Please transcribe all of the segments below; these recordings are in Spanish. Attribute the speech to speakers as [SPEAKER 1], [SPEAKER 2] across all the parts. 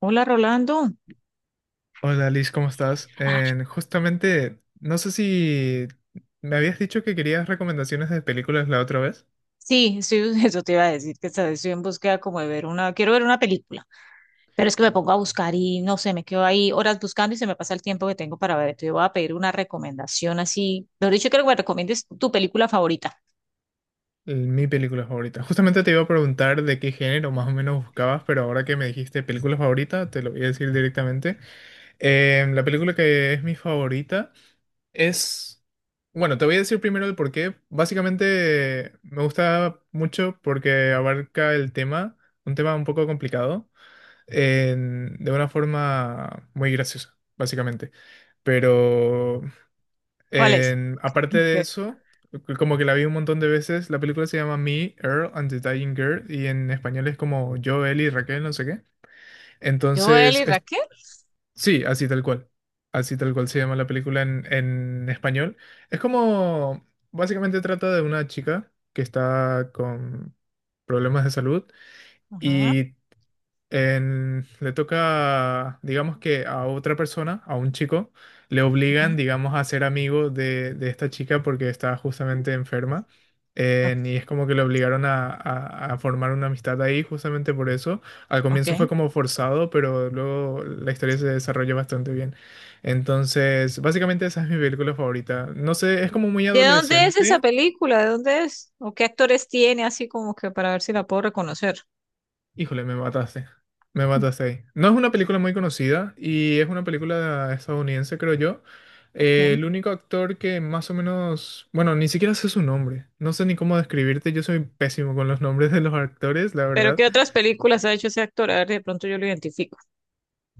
[SPEAKER 1] Hola Rolando.
[SPEAKER 2] Hola Liz, ¿cómo estás?
[SPEAKER 1] Ah,
[SPEAKER 2] Justamente, no sé si me habías dicho que querías recomendaciones de películas la otra vez.
[SPEAKER 1] sí, eso te iba a decir que esta vez estoy en búsqueda como de ver una, quiero ver una película, pero es que me pongo a buscar y no sé, me quedo ahí horas buscando y se me pasa el tiempo que tengo para ver. Entonces voy a pedir una recomendación así. Mejor dicho, quiero que me recomiendes tu película favorita.
[SPEAKER 2] Mi película favorita. Justamente te iba a preguntar de qué género más o menos buscabas, pero ahora que me dijiste película favorita, te lo voy a decir directamente. La película que es mi favorita es... Bueno, te voy a decir primero el por qué. Básicamente me gusta mucho porque abarca el tema un poco complicado de una forma muy graciosa, básicamente. Pero
[SPEAKER 1] ¿Cuál es?
[SPEAKER 2] aparte de
[SPEAKER 1] Ok.
[SPEAKER 2] eso, como que la vi un montón de veces. La película se llama Me, Earl and the Dying Girl y en español es como Yo, él y Raquel, no sé qué.
[SPEAKER 1] Yo,
[SPEAKER 2] Entonces,
[SPEAKER 1] y Raquel.
[SPEAKER 2] sí, así tal cual. Así tal cual se llama la película en español. Es como, básicamente trata de una chica que está con problemas de salud.
[SPEAKER 1] Ajá,
[SPEAKER 2] Y le toca, digamos que a otra persona, a un chico, le
[SPEAKER 1] ajá.
[SPEAKER 2] obligan, digamos, a ser amigo de esta chica porque está justamente enferma. Y
[SPEAKER 1] Ok.
[SPEAKER 2] es como que le obligaron a formar una amistad ahí justamente por eso. Al
[SPEAKER 1] Ok.
[SPEAKER 2] comienzo fue como forzado, pero luego la historia se desarrolla bastante bien. Entonces, básicamente esa es mi película favorita. No sé, es como muy
[SPEAKER 1] ¿De dónde es esa
[SPEAKER 2] adolescente.
[SPEAKER 1] película? ¿De dónde es? ¿O qué actores tiene? Así como que para ver si la puedo reconocer.
[SPEAKER 2] Híjole, me mataste. Me mataste ahí. No es una película muy conocida y es una película estadounidense, creo yo.
[SPEAKER 1] Ok.
[SPEAKER 2] El único actor que más o menos, bueno, ni siquiera sé su nombre. No sé ni cómo describirte. Yo soy pésimo con los nombres de los actores, la
[SPEAKER 1] Pero
[SPEAKER 2] verdad.
[SPEAKER 1] ¿qué otras películas ha hecho ese actor? A ver, de pronto yo lo identifico.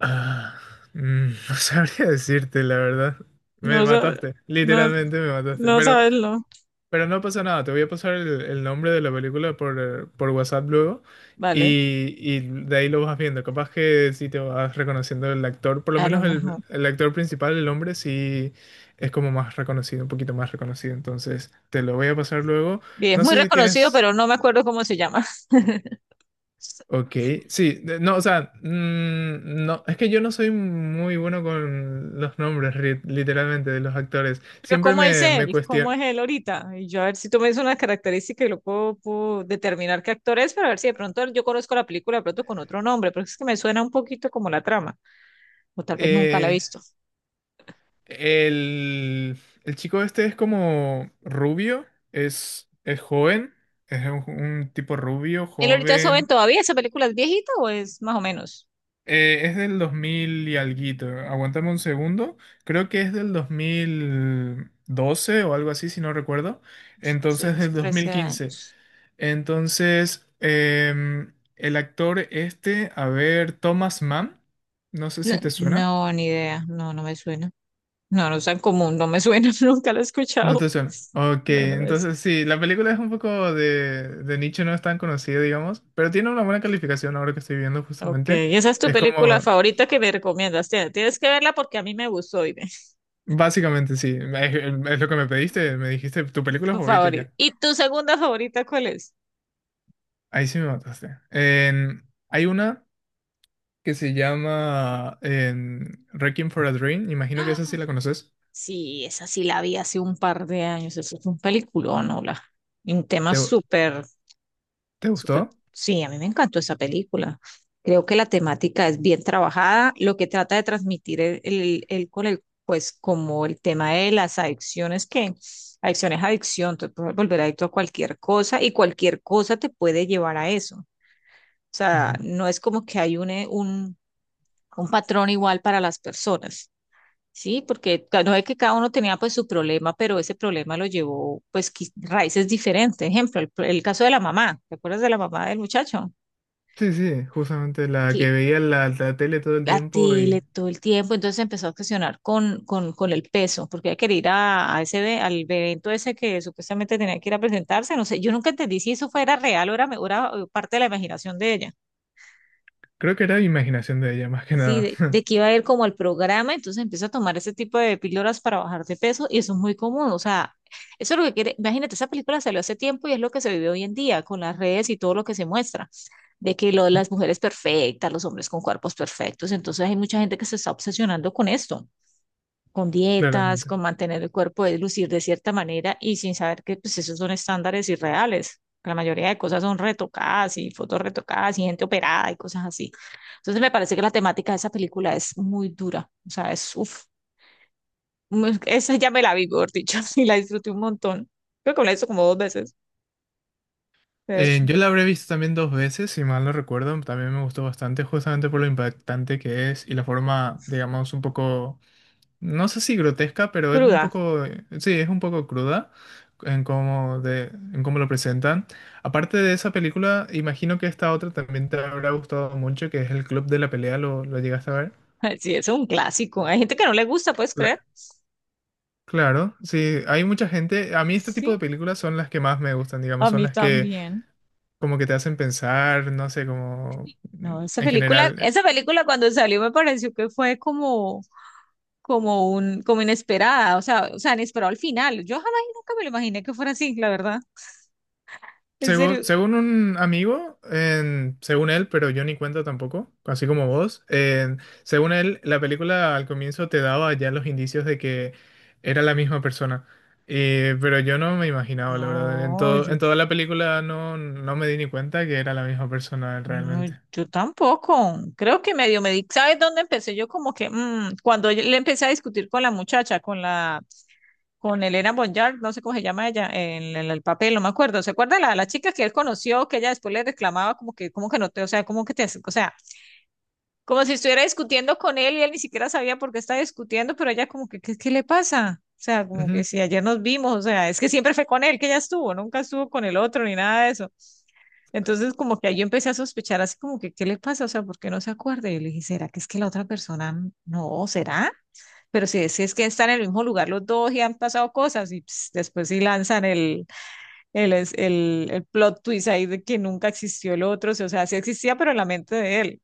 [SPEAKER 2] Ah, mm, no sabría decirte, la verdad. Me
[SPEAKER 1] No, sa-
[SPEAKER 2] mataste.
[SPEAKER 1] no,
[SPEAKER 2] Literalmente me mataste.
[SPEAKER 1] no
[SPEAKER 2] Pero
[SPEAKER 1] sabes, no.
[SPEAKER 2] Pero no pasa nada, te voy a pasar el nombre de la película por WhatsApp luego
[SPEAKER 1] Vale,
[SPEAKER 2] y de ahí lo vas viendo. Capaz que si te vas reconociendo el actor, por lo
[SPEAKER 1] a lo
[SPEAKER 2] menos
[SPEAKER 1] mejor.
[SPEAKER 2] el actor principal, el hombre, sí es como más reconocido, un poquito más reconocido. Entonces te lo voy a pasar luego.
[SPEAKER 1] Y es
[SPEAKER 2] No
[SPEAKER 1] muy
[SPEAKER 2] sé si
[SPEAKER 1] reconocido,
[SPEAKER 2] tienes...
[SPEAKER 1] pero no me acuerdo cómo se llama.
[SPEAKER 2] Ok, sí, no, o sea, mm, no, es que yo no soy muy bueno con los nombres, literalmente, de los actores.
[SPEAKER 1] Pero
[SPEAKER 2] Siempre
[SPEAKER 1] ¿cómo es
[SPEAKER 2] me
[SPEAKER 1] él?
[SPEAKER 2] cuestiono.
[SPEAKER 1] ¿Cómo es él ahorita? Y yo a ver si tú me dices una característica y lo puedo, puedo determinar qué actor es, para ver si de pronto yo conozco la película de pronto con otro nombre, pero es que me suena un poquito como la trama, o tal vez nunca la he
[SPEAKER 2] eh,
[SPEAKER 1] visto.
[SPEAKER 2] El, el chico este es como rubio, es joven, es un tipo rubio,
[SPEAKER 1] ¿Él ahorita es joven
[SPEAKER 2] joven.
[SPEAKER 1] todavía? ¿Esa película es viejita o es más o menos?
[SPEAKER 2] Es del 2000 y alguito. Aguántame un segundo. Creo que es del 2012 o algo así, si no recuerdo.
[SPEAKER 1] Hace
[SPEAKER 2] Entonces,
[SPEAKER 1] unos
[SPEAKER 2] del dos
[SPEAKER 1] 13
[SPEAKER 2] mil quince.
[SPEAKER 1] años.
[SPEAKER 2] Entonces, el actor este, a ver, Thomas Mann, no sé
[SPEAKER 1] No,
[SPEAKER 2] si te suena.
[SPEAKER 1] no, ni idea. No, no me suena. No, no es tan común, no me suena, nunca lo he
[SPEAKER 2] No
[SPEAKER 1] escuchado.
[SPEAKER 2] te suena. Ok,
[SPEAKER 1] No, no me
[SPEAKER 2] entonces
[SPEAKER 1] suena.
[SPEAKER 2] sí, la película es un poco de nicho, no es tan conocida, digamos, pero tiene una buena calificación ahora que estoy viendo
[SPEAKER 1] Ok,
[SPEAKER 2] justamente.
[SPEAKER 1] y esa es tu
[SPEAKER 2] Es
[SPEAKER 1] película
[SPEAKER 2] como,
[SPEAKER 1] favorita que me recomiendas. Tienes que verla porque a mí me gustó y
[SPEAKER 2] básicamente sí, es lo que me pediste, me dijiste tu película
[SPEAKER 1] tu
[SPEAKER 2] favorita y
[SPEAKER 1] favorita.
[SPEAKER 2] ya.
[SPEAKER 1] ¿Y tu segunda favorita cuál es?
[SPEAKER 2] Ahí sí me mataste. Hay una que se llama Requiem for a Dream, imagino que esa sí la conoces.
[SPEAKER 1] Sí, esa sí la vi hace un par de años. Eso es un peliculón, hola. Y un tema
[SPEAKER 2] ¿Te,
[SPEAKER 1] súper.
[SPEAKER 2] ¿te
[SPEAKER 1] Súper.
[SPEAKER 2] gustó?
[SPEAKER 1] Sí, a mí me encantó esa película. Creo que la temática es bien trabajada. Lo que trata de transmitir el con el, pues, como el tema de las adicciones, que adicción es adicción, te puedes volver adicto a cualquier cosa y cualquier cosa te puede llevar a eso. O sea,
[SPEAKER 2] Ujú.
[SPEAKER 1] no es como que hay un patrón igual para las personas, ¿sí? Porque no es que cada uno tenía pues su problema, pero ese problema lo llevó pues raíces diferentes. Ejemplo, el caso de la mamá. ¿Te acuerdas de la mamá del muchacho?
[SPEAKER 2] Sí, sí, justamente la
[SPEAKER 1] Que
[SPEAKER 2] que veía en la tele todo el
[SPEAKER 1] la
[SPEAKER 2] tiempo
[SPEAKER 1] tele
[SPEAKER 2] y
[SPEAKER 1] todo el tiempo, entonces se empezó a obsesionar con el peso, porque ella que ir a ese al evento ese que supuestamente tenía que ir a presentarse, no sé, yo nunca entendí si eso fuera real o era, o era parte de la imaginación de ella,
[SPEAKER 2] creo que era imaginación de ella más que
[SPEAKER 1] sí,
[SPEAKER 2] nada.
[SPEAKER 1] de que iba a ir como al programa, entonces empieza a tomar ese tipo de píldoras para bajar de peso y eso es muy común, o sea, eso es lo que quiere, imagínate, esa película salió hace tiempo y es lo que se vive hoy en día con las redes y todo lo que se muestra de que lo, las mujeres perfectas, los hombres con cuerpos perfectos. Entonces hay mucha gente que se está obsesionando con esto. Con dietas,
[SPEAKER 2] Claramente.
[SPEAKER 1] con mantener el cuerpo de lucir de cierta manera y sin saber que pues esos son estándares irreales. La mayoría de cosas son retocadas y fotos retocadas y gente operada y cosas así. Entonces me parece que la temática de esa película es muy dura. O sea, es, uff, esa ya me la vi, por dicho, y la disfruté un montón. Creo que me la he visto como 2 veces. Es
[SPEAKER 2] Yo la habré visto también dos veces, si mal no recuerdo. También me gustó bastante, justamente por lo impactante que es y la forma, digamos, un poco, no sé si grotesca, pero es un
[SPEAKER 1] cruda.
[SPEAKER 2] poco, sí, es un poco cruda en en cómo lo presentan. Aparte de esa película, imagino que esta otra también te habrá gustado mucho, que es El Club de la Pelea, lo llegaste a ver?
[SPEAKER 1] Sí, es un clásico. Hay gente que no le gusta, ¿puedes
[SPEAKER 2] Cla-
[SPEAKER 1] creer?
[SPEAKER 2] Claro, sí, hay mucha gente. A mí este tipo
[SPEAKER 1] Sí,
[SPEAKER 2] de películas son las que más me gustan,
[SPEAKER 1] a
[SPEAKER 2] digamos, son
[SPEAKER 1] mí
[SPEAKER 2] las que
[SPEAKER 1] también.
[SPEAKER 2] como que te hacen pensar, no sé, como
[SPEAKER 1] No,
[SPEAKER 2] en general.
[SPEAKER 1] esa película cuando salió me pareció que fue como, como un, como inesperada, o sea, inesperado al final. Yo jamás y nunca me lo imaginé que fuera así, la verdad. En
[SPEAKER 2] Según,
[SPEAKER 1] serio.
[SPEAKER 2] según un amigo, según él, pero yo ni cuenta tampoco, así como vos, según él, la película al comienzo te daba ya los indicios de que era la misma persona. Pero yo no me imaginaba, la verdad. En
[SPEAKER 1] No,
[SPEAKER 2] todo,
[SPEAKER 1] yo,
[SPEAKER 2] en toda la película no, no me di ni cuenta que era la misma persona
[SPEAKER 1] no,
[SPEAKER 2] realmente.
[SPEAKER 1] yo tampoco. Creo que medio me di, ¿sabes dónde empecé? Yo como que, cuando yo le empecé a discutir con la muchacha, con la, con Elena Bonjour, no sé cómo se llama ella, en, el papel, no me acuerdo. ¿Se acuerda la chica que él conoció, que ella después le reclamaba como que no te, o sea, como que te, o sea, como si estuviera discutiendo con él y él ni siquiera sabía por qué estaba discutiendo, pero ella como que, ¿ qué le pasa? O sea, como que si ayer nos vimos, o sea, es que siempre fue con él que ella estuvo, nunca estuvo con el otro ni nada de eso. Entonces como que ahí yo empecé a sospechar así como que, ¿qué le pasa? O sea, ¿por qué no se acuerda? Y le dije, ¿será que es que la otra persona no? ¿Será? Pero si es, si es que están en el mismo lugar los dos y han pasado cosas y ps, después sí lanzan el plot twist ahí de que nunca existió el otro, o sea, sí existía, pero en la mente de él.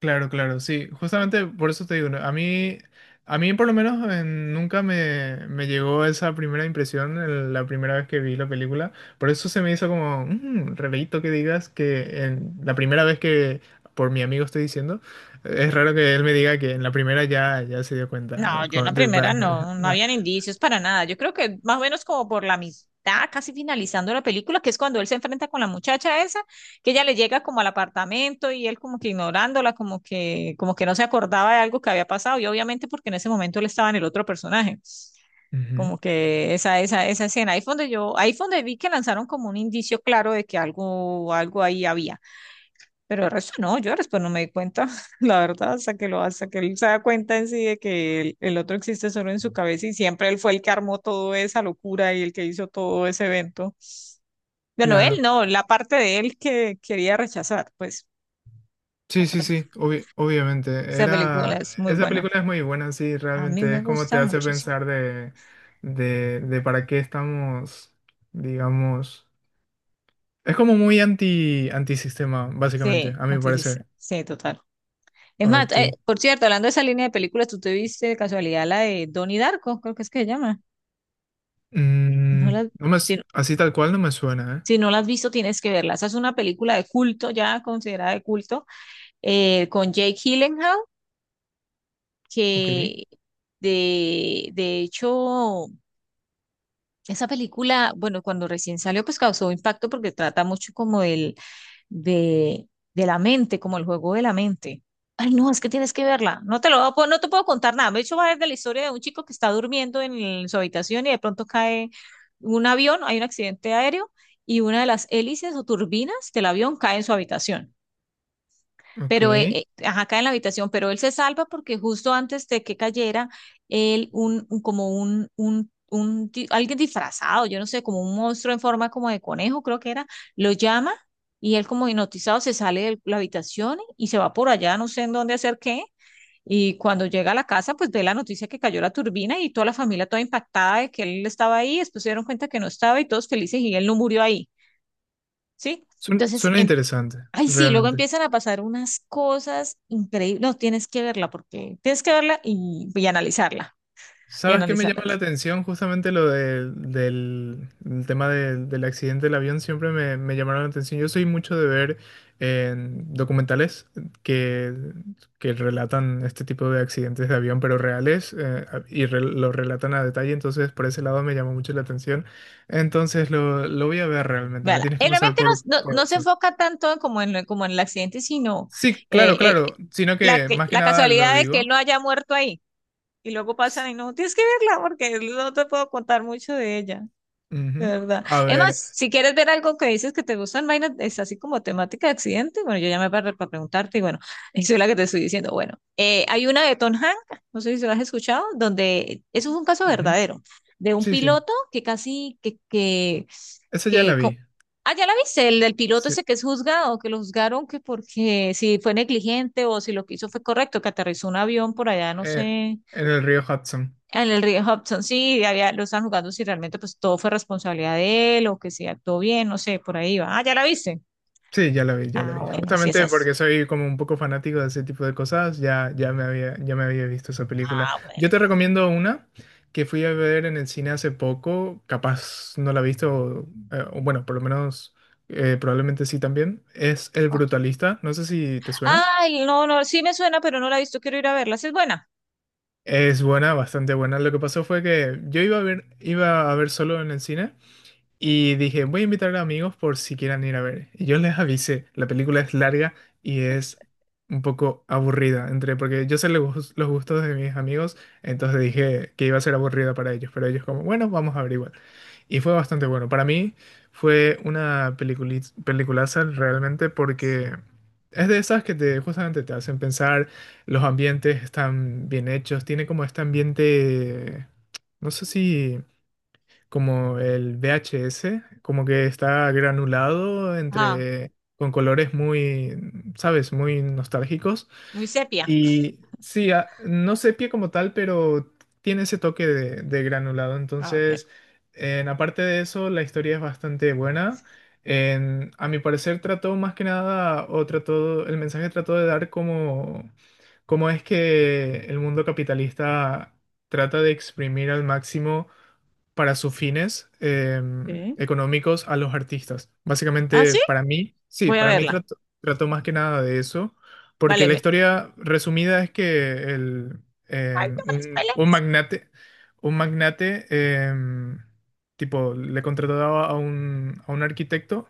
[SPEAKER 2] Claro, claro, sí, justamente por eso te digo, ¿no? A mí por lo menos nunca me llegó esa primera impresión la primera vez que vi la película, por eso se me hizo como un rarito que digas que en la primera vez que, por mi amigo estoy diciendo, es
[SPEAKER 1] Sí.
[SPEAKER 2] raro que él me diga que en la primera ya, ya se dio
[SPEAKER 1] No,
[SPEAKER 2] cuenta.
[SPEAKER 1] yo en la primera no, no habían indicios para nada. Yo creo que más o menos como por la mitad, casi finalizando la película, que es cuando él se enfrenta con la muchacha esa, que ella le llega como al apartamento y él como que ignorándola, como que no se acordaba de algo que había pasado. Y obviamente porque en ese momento él estaba en el otro personaje.
[SPEAKER 2] Ujú.
[SPEAKER 1] Como que esa escena. Ahí fue donde yo, ahí fue donde vi que lanzaron como un indicio claro de que algo, algo ahí había. Pero el resto no, yo después no me di cuenta, la verdad, hasta que lo, hasta que él se da cuenta en sí de que el otro existe solo en su cabeza y siempre él fue el que armó toda esa locura y el que hizo todo ese evento. Bueno, él
[SPEAKER 2] Claro.
[SPEAKER 1] no, la parte de él que quería rechazar, pues
[SPEAKER 2] Sí,
[SPEAKER 1] esa
[SPEAKER 2] sí,
[SPEAKER 1] pel-
[SPEAKER 2] sí, obviamente.
[SPEAKER 1] esa película
[SPEAKER 2] Era,
[SPEAKER 1] es muy
[SPEAKER 2] esa
[SPEAKER 1] buena.
[SPEAKER 2] película es muy buena, sí,
[SPEAKER 1] A mí
[SPEAKER 2] realmente
[SPEAKER 1] me
[SPEAKER 2] es como te
[SPEAKER 1] gusta
[SPEAKER 2] hace
[SPEAKER 1] muchísimo.
[SPEAKER 2] pensar de para qué estamos, digamos. Es como muy antisistema, básicamente,
[SPEAKER 1] Sí,
[SPEAKER 2] a
[SPEAKER 1] no
[SPEAKER 2] mi
[SPEAKER 1] te.
[SPEAKER 2] parecer.
[SPEAKER 1] Sí, total. Es más,
[SPEAKER 2] Ok.
[SPEAKER 1] por cierto, hablando de esa línea de películas, ¿tú te viste de casualidad la de Donnie Darko? Creo que es que se llama. No
[SPEAKER 2] Mm,
[SPEAKER 1] la,
[SPEAKER 2] no me,
[SPEAKER 1] si
[SPEAKER 2] así tal cual no me suena,
[SPEAKER 1] Si no la has visto, tienes que verla. Esa es una película de culto, ya considerada de culto, con Jake Gyllenhaal,
[SPEAKER 2] ¿eh? Ok,
[SPEAKER 1] que de hecho esa película, bueno, cuando recién salió, pues causó impacto porque trata mucho como del, de, de la mente, como el juego de la mente. Ay, no, es que tienes que verla. No te lo voy a no te puedo contar nada. De hecho, va desde la historia de un chico que está durmiendo en su habitación y de pronto cae un avión, hay un accidente aéreo y una de las hélices o turbinas del avión cae en su habitación,
[SPEAKER 2] ok.
[SPEAKER 1] pero ajá, acá en la habitación, pero él se salva porque justo antes de que cayera, él, un, como un, alguien disfrazado, yo no sé, como un monstruo en forma como de conejo, creo que era, lo llama y él como hipnotizado se sale de la habitación y se va por allá, no sé en dónde hacer qué. Y cuando llega a la casa, pues ve la noticia que cayó la turbina y toda la familia toda impactada de que él estaba ahí, después se dieron cuenta que no estaba y todos felices y él no murió ahí, ¿sí?
[SPEAKER 2] Suena,
[SPEAKER 1] Entonces,
[SPEAKER 2] suena
[SPEAKER 1] em-
[SPEAKER 2] interesante,
[SPEAKER 1] Ay, sí, luego
[SPEAKER 2] realmente.
[SPEAKER 1] empiezan a pasar unas cosas increíbles. No, tienes que verla porque tienes que verla y analizarla. Y
[SPEAKER 2] ¿Sabes qué me
[SPEAKER 1] analizarla.
[SPEAKER 2] llama la atención? Justamente lo el tema del accidente del avión siempre me llamaron la atención. Yo soy mucho de ver en documentales que, que relatan este tipo de accidentes de avión, pero reales, lo relatan a detalle, entonces por ese lado me llamó mucho la atención. Entonces lo voy a ver realmente, me
[SPEAKER 1] Véala.
[SPEAKER 2] tienes que pasar
[SPEAKER 1] Realmente no,
[SPEAKER 2] por
[SPEAKER 1] no se
[SPEAKER 2] WhatsApp.
[SPEAKER 1] enfoca tanto en como en, como en el accidente, sino
[SPEAKER 2] Sí, claro,
[SPEAKER 1] eh, eh,
[SPEAKER 2] claro, sino
[SPEAKER 1] la,
[SPEAKER 2] que más que
[SPEAKER 1] la
[SPEAKER 2] nada lo
[SPEAKER 1] casualidad de que él
[SPEAKER 2] digo.
[SPEAKER 1] no haya muerto ahí. Y luego pasan y no, tienes que verla porque no te puedo contar mucho de ella. De
[SPEAKER 2] Ujú.
[SPEAKER 1] verdad.
[SPEAKER 2] A
[SPEAKER 1] Es más,
[SPEAKER 2] ver,
[SPEAKER 1] si quieres ver algo que dices que te gustan vainas, es así como temática de accidente. Bueno, yo llamé para preguntarte y bueno, eso es la que te estoy diciendo. Bueno, hay una de Tom Hanks, no sé si lo has escuchado, donde eso es un caso
[SPEAKER 2] ujú.
[SPEAKER 1] verdadero, de un
[SPEAKER 2] Sí, sí,
[SPEAKER 1] piloto que casi, que,
[SPEAKER 2] esa ya
[SPEAKER 1] que
[SPEAKER 2] la
[SPEAKER 1] co-
[SPEAKER 2] vi.
[SPEAKER 1] ah, ya la viste, el del piloto
[SPEAKER 2] Sí,
[SPEAKER 1] ese que es juzgado, que lo juzgaron que porque si fue negligente o si lo que hizo fue correcto, que aterrizó un avión por allá, no
[SPEAKER 2] eh,
[SPEAKER 1] sé,
[SPEAKER 2] en el río Hudson.
[SPEAKER 1] en el río Hudson, sí, había, lo están jugando si realmente pues todo fue responsabilidad de él o que si actuó bien, no sé, por ahí va. Ah, ¿ya la viste?
[SPEAKER 2] Sí, ya lo vi, ya lo
[SPEAKER 1] Ah,
[SPEAKER 2] vi.
[SPEAKER 1] bueno, sí,
[SPEAKER 2] Justamente
[SPEAKER 1] esas.
[SPEAKER 2] porque soy como un poco fanático de ese tipo de cosas, ya, ya me había visto esa película.
[SPEAKER 1] Ah,
[SPEAKER 2] Yo
[SPEAKER 1] bueno.
[SPEAKER 2] te recomiendo una que fui a ver en el cine hace poco, capaz no la has visto, o bueno, por lo menos probablemente sí también. Es El Brutalista, no sé si te suena.
[SPEAKER 1] Ay, no, no, sí me suena, pero no la he visto, quiero ir a verla. Sí es buena.
[SPEAKER 2] Es buena, bastante buena. Lo que pasó fue que yo iba a ver solo en el cine. Y dije, voy a invitar a amigos por si quieran ir a ver. Y yo les avisé, la película es larga y es un poco aburrida, entre, porque yo sé los los gustos de mis amigos, entonces dije que iba a ser aburrida para ellos, pero ellos como, bueno, vamos a ver igual. Y fue bastante bueno. Para mí fue una peliculaza realmente porque es de esas que te justamente te hacen pensar, los ambientes están bien hechos, tiene como este ambiente, no sé si como el VHS, como que está granulado
[SPEAKER 1] Ah,
[SPEAKER 2] entre con colores muy, sabes, muy nostálgicos.
[SPEAKER 1] muy sepia.
[SPEAKER 2] Y sí, a- no sepia como tal, pero tiene ese toque de granulado.
[SPEAKER 1] Ah, ok.
[SPEAKER 2] Entonces, en, aparte de eso, la historia es bastante buena. A mi parecer trató más que nada, o trató, el mensaje trató de dar como cómo es que el mundo capitalista trata de exprimir al máximo para sus fines
[SPEAKER 1] Sí.
[SPEAKER 2] económicos a los artistas.
[SPEAKER 1] Ah,
[SPEAKER 2] Básicamente,
[SPEAKER 1] sí,
[SPEAKER 2] para mí, sí,
[SPEAKER 1] voy a
[SPEAKER 2] para mí
[SPEAKER 1] verla.
[SPEAKER 2] trato trató más que nada de eso, porque
[SPEAKER 1] Vale,
[SPEAKER 2] la
[SPEAKER 1] me...
[SPEAKER 2] historia resumida es que el,
[SPEAKER 1] Ay,
[SPEAKER 2] en
[SPEAKER 1] no me la spoilees.
[SPEAKER 2] un magnate, em, tipo, le contrataba a un arquitecto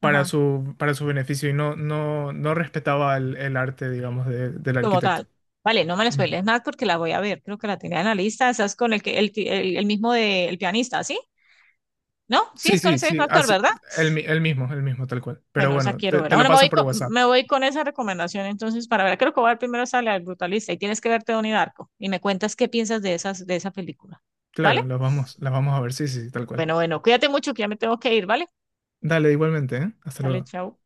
[SPEAKER 1] Ajá,
[SPEAKER 2] para su beneficio y no, no, no respetaba el arte, digamos, del
[SPEAKER 1] como
[SPEAKER 2] arquitecto.
[SPEAKER 1] tal. Vale, no me la
[SPEAKER 2] Mm.
[SPEAKER 1] spoilees más porque la voy a ver. Creo que la tenía en la lista. Esa es con el que el mismo de el pianista, ¿sí? ¿No? Sí,
[SPEAKER 2] Sí,
[SPEAKER 1] es con
[SPEAKER 2] sí,
[SPEAKER 1] ese mismo
[SPEAKER 2] sí,
[SPEAKER 1] actor,
[SPEAKER 2] así,
[SPEAKER 1] ¿verdad?
[SPEAKER 2] el mismo, tal cual. Pero
[SPEAKER 1] Bueno, esa
[SPEAKER 2] bueno,
[SPEAKER 1] quiero
[SPEAKER 2] te
[SPEAKER 1] ver.
[SPEAKER 2] te lo
[SPEAKER 1] Bueno,
[SPEAKER 2] paso por WhatsApp.
[SPEAKER 1] me voy con esa recomendación entonces para ver. Creo que voy a ver primero esa la del Brutalista y tienes que verte Donnie Darko y me cuentas qué piensas de esas, de esa película. ¿Vale?
[SPEAKER 2] Claro, las vamos a ver, sí, sí, sí, tal cual.
[SPEAKER 1] Bueno, bueno, cuídate mucho que ya me tengo que ir, ¿vale?
[SPEAKER 2] Dale, igualmente, ¿eh? Hasta
[SPEAKER 1] Dale,
[SPEAKER 2] luego.
[SPEAKER 1] chao.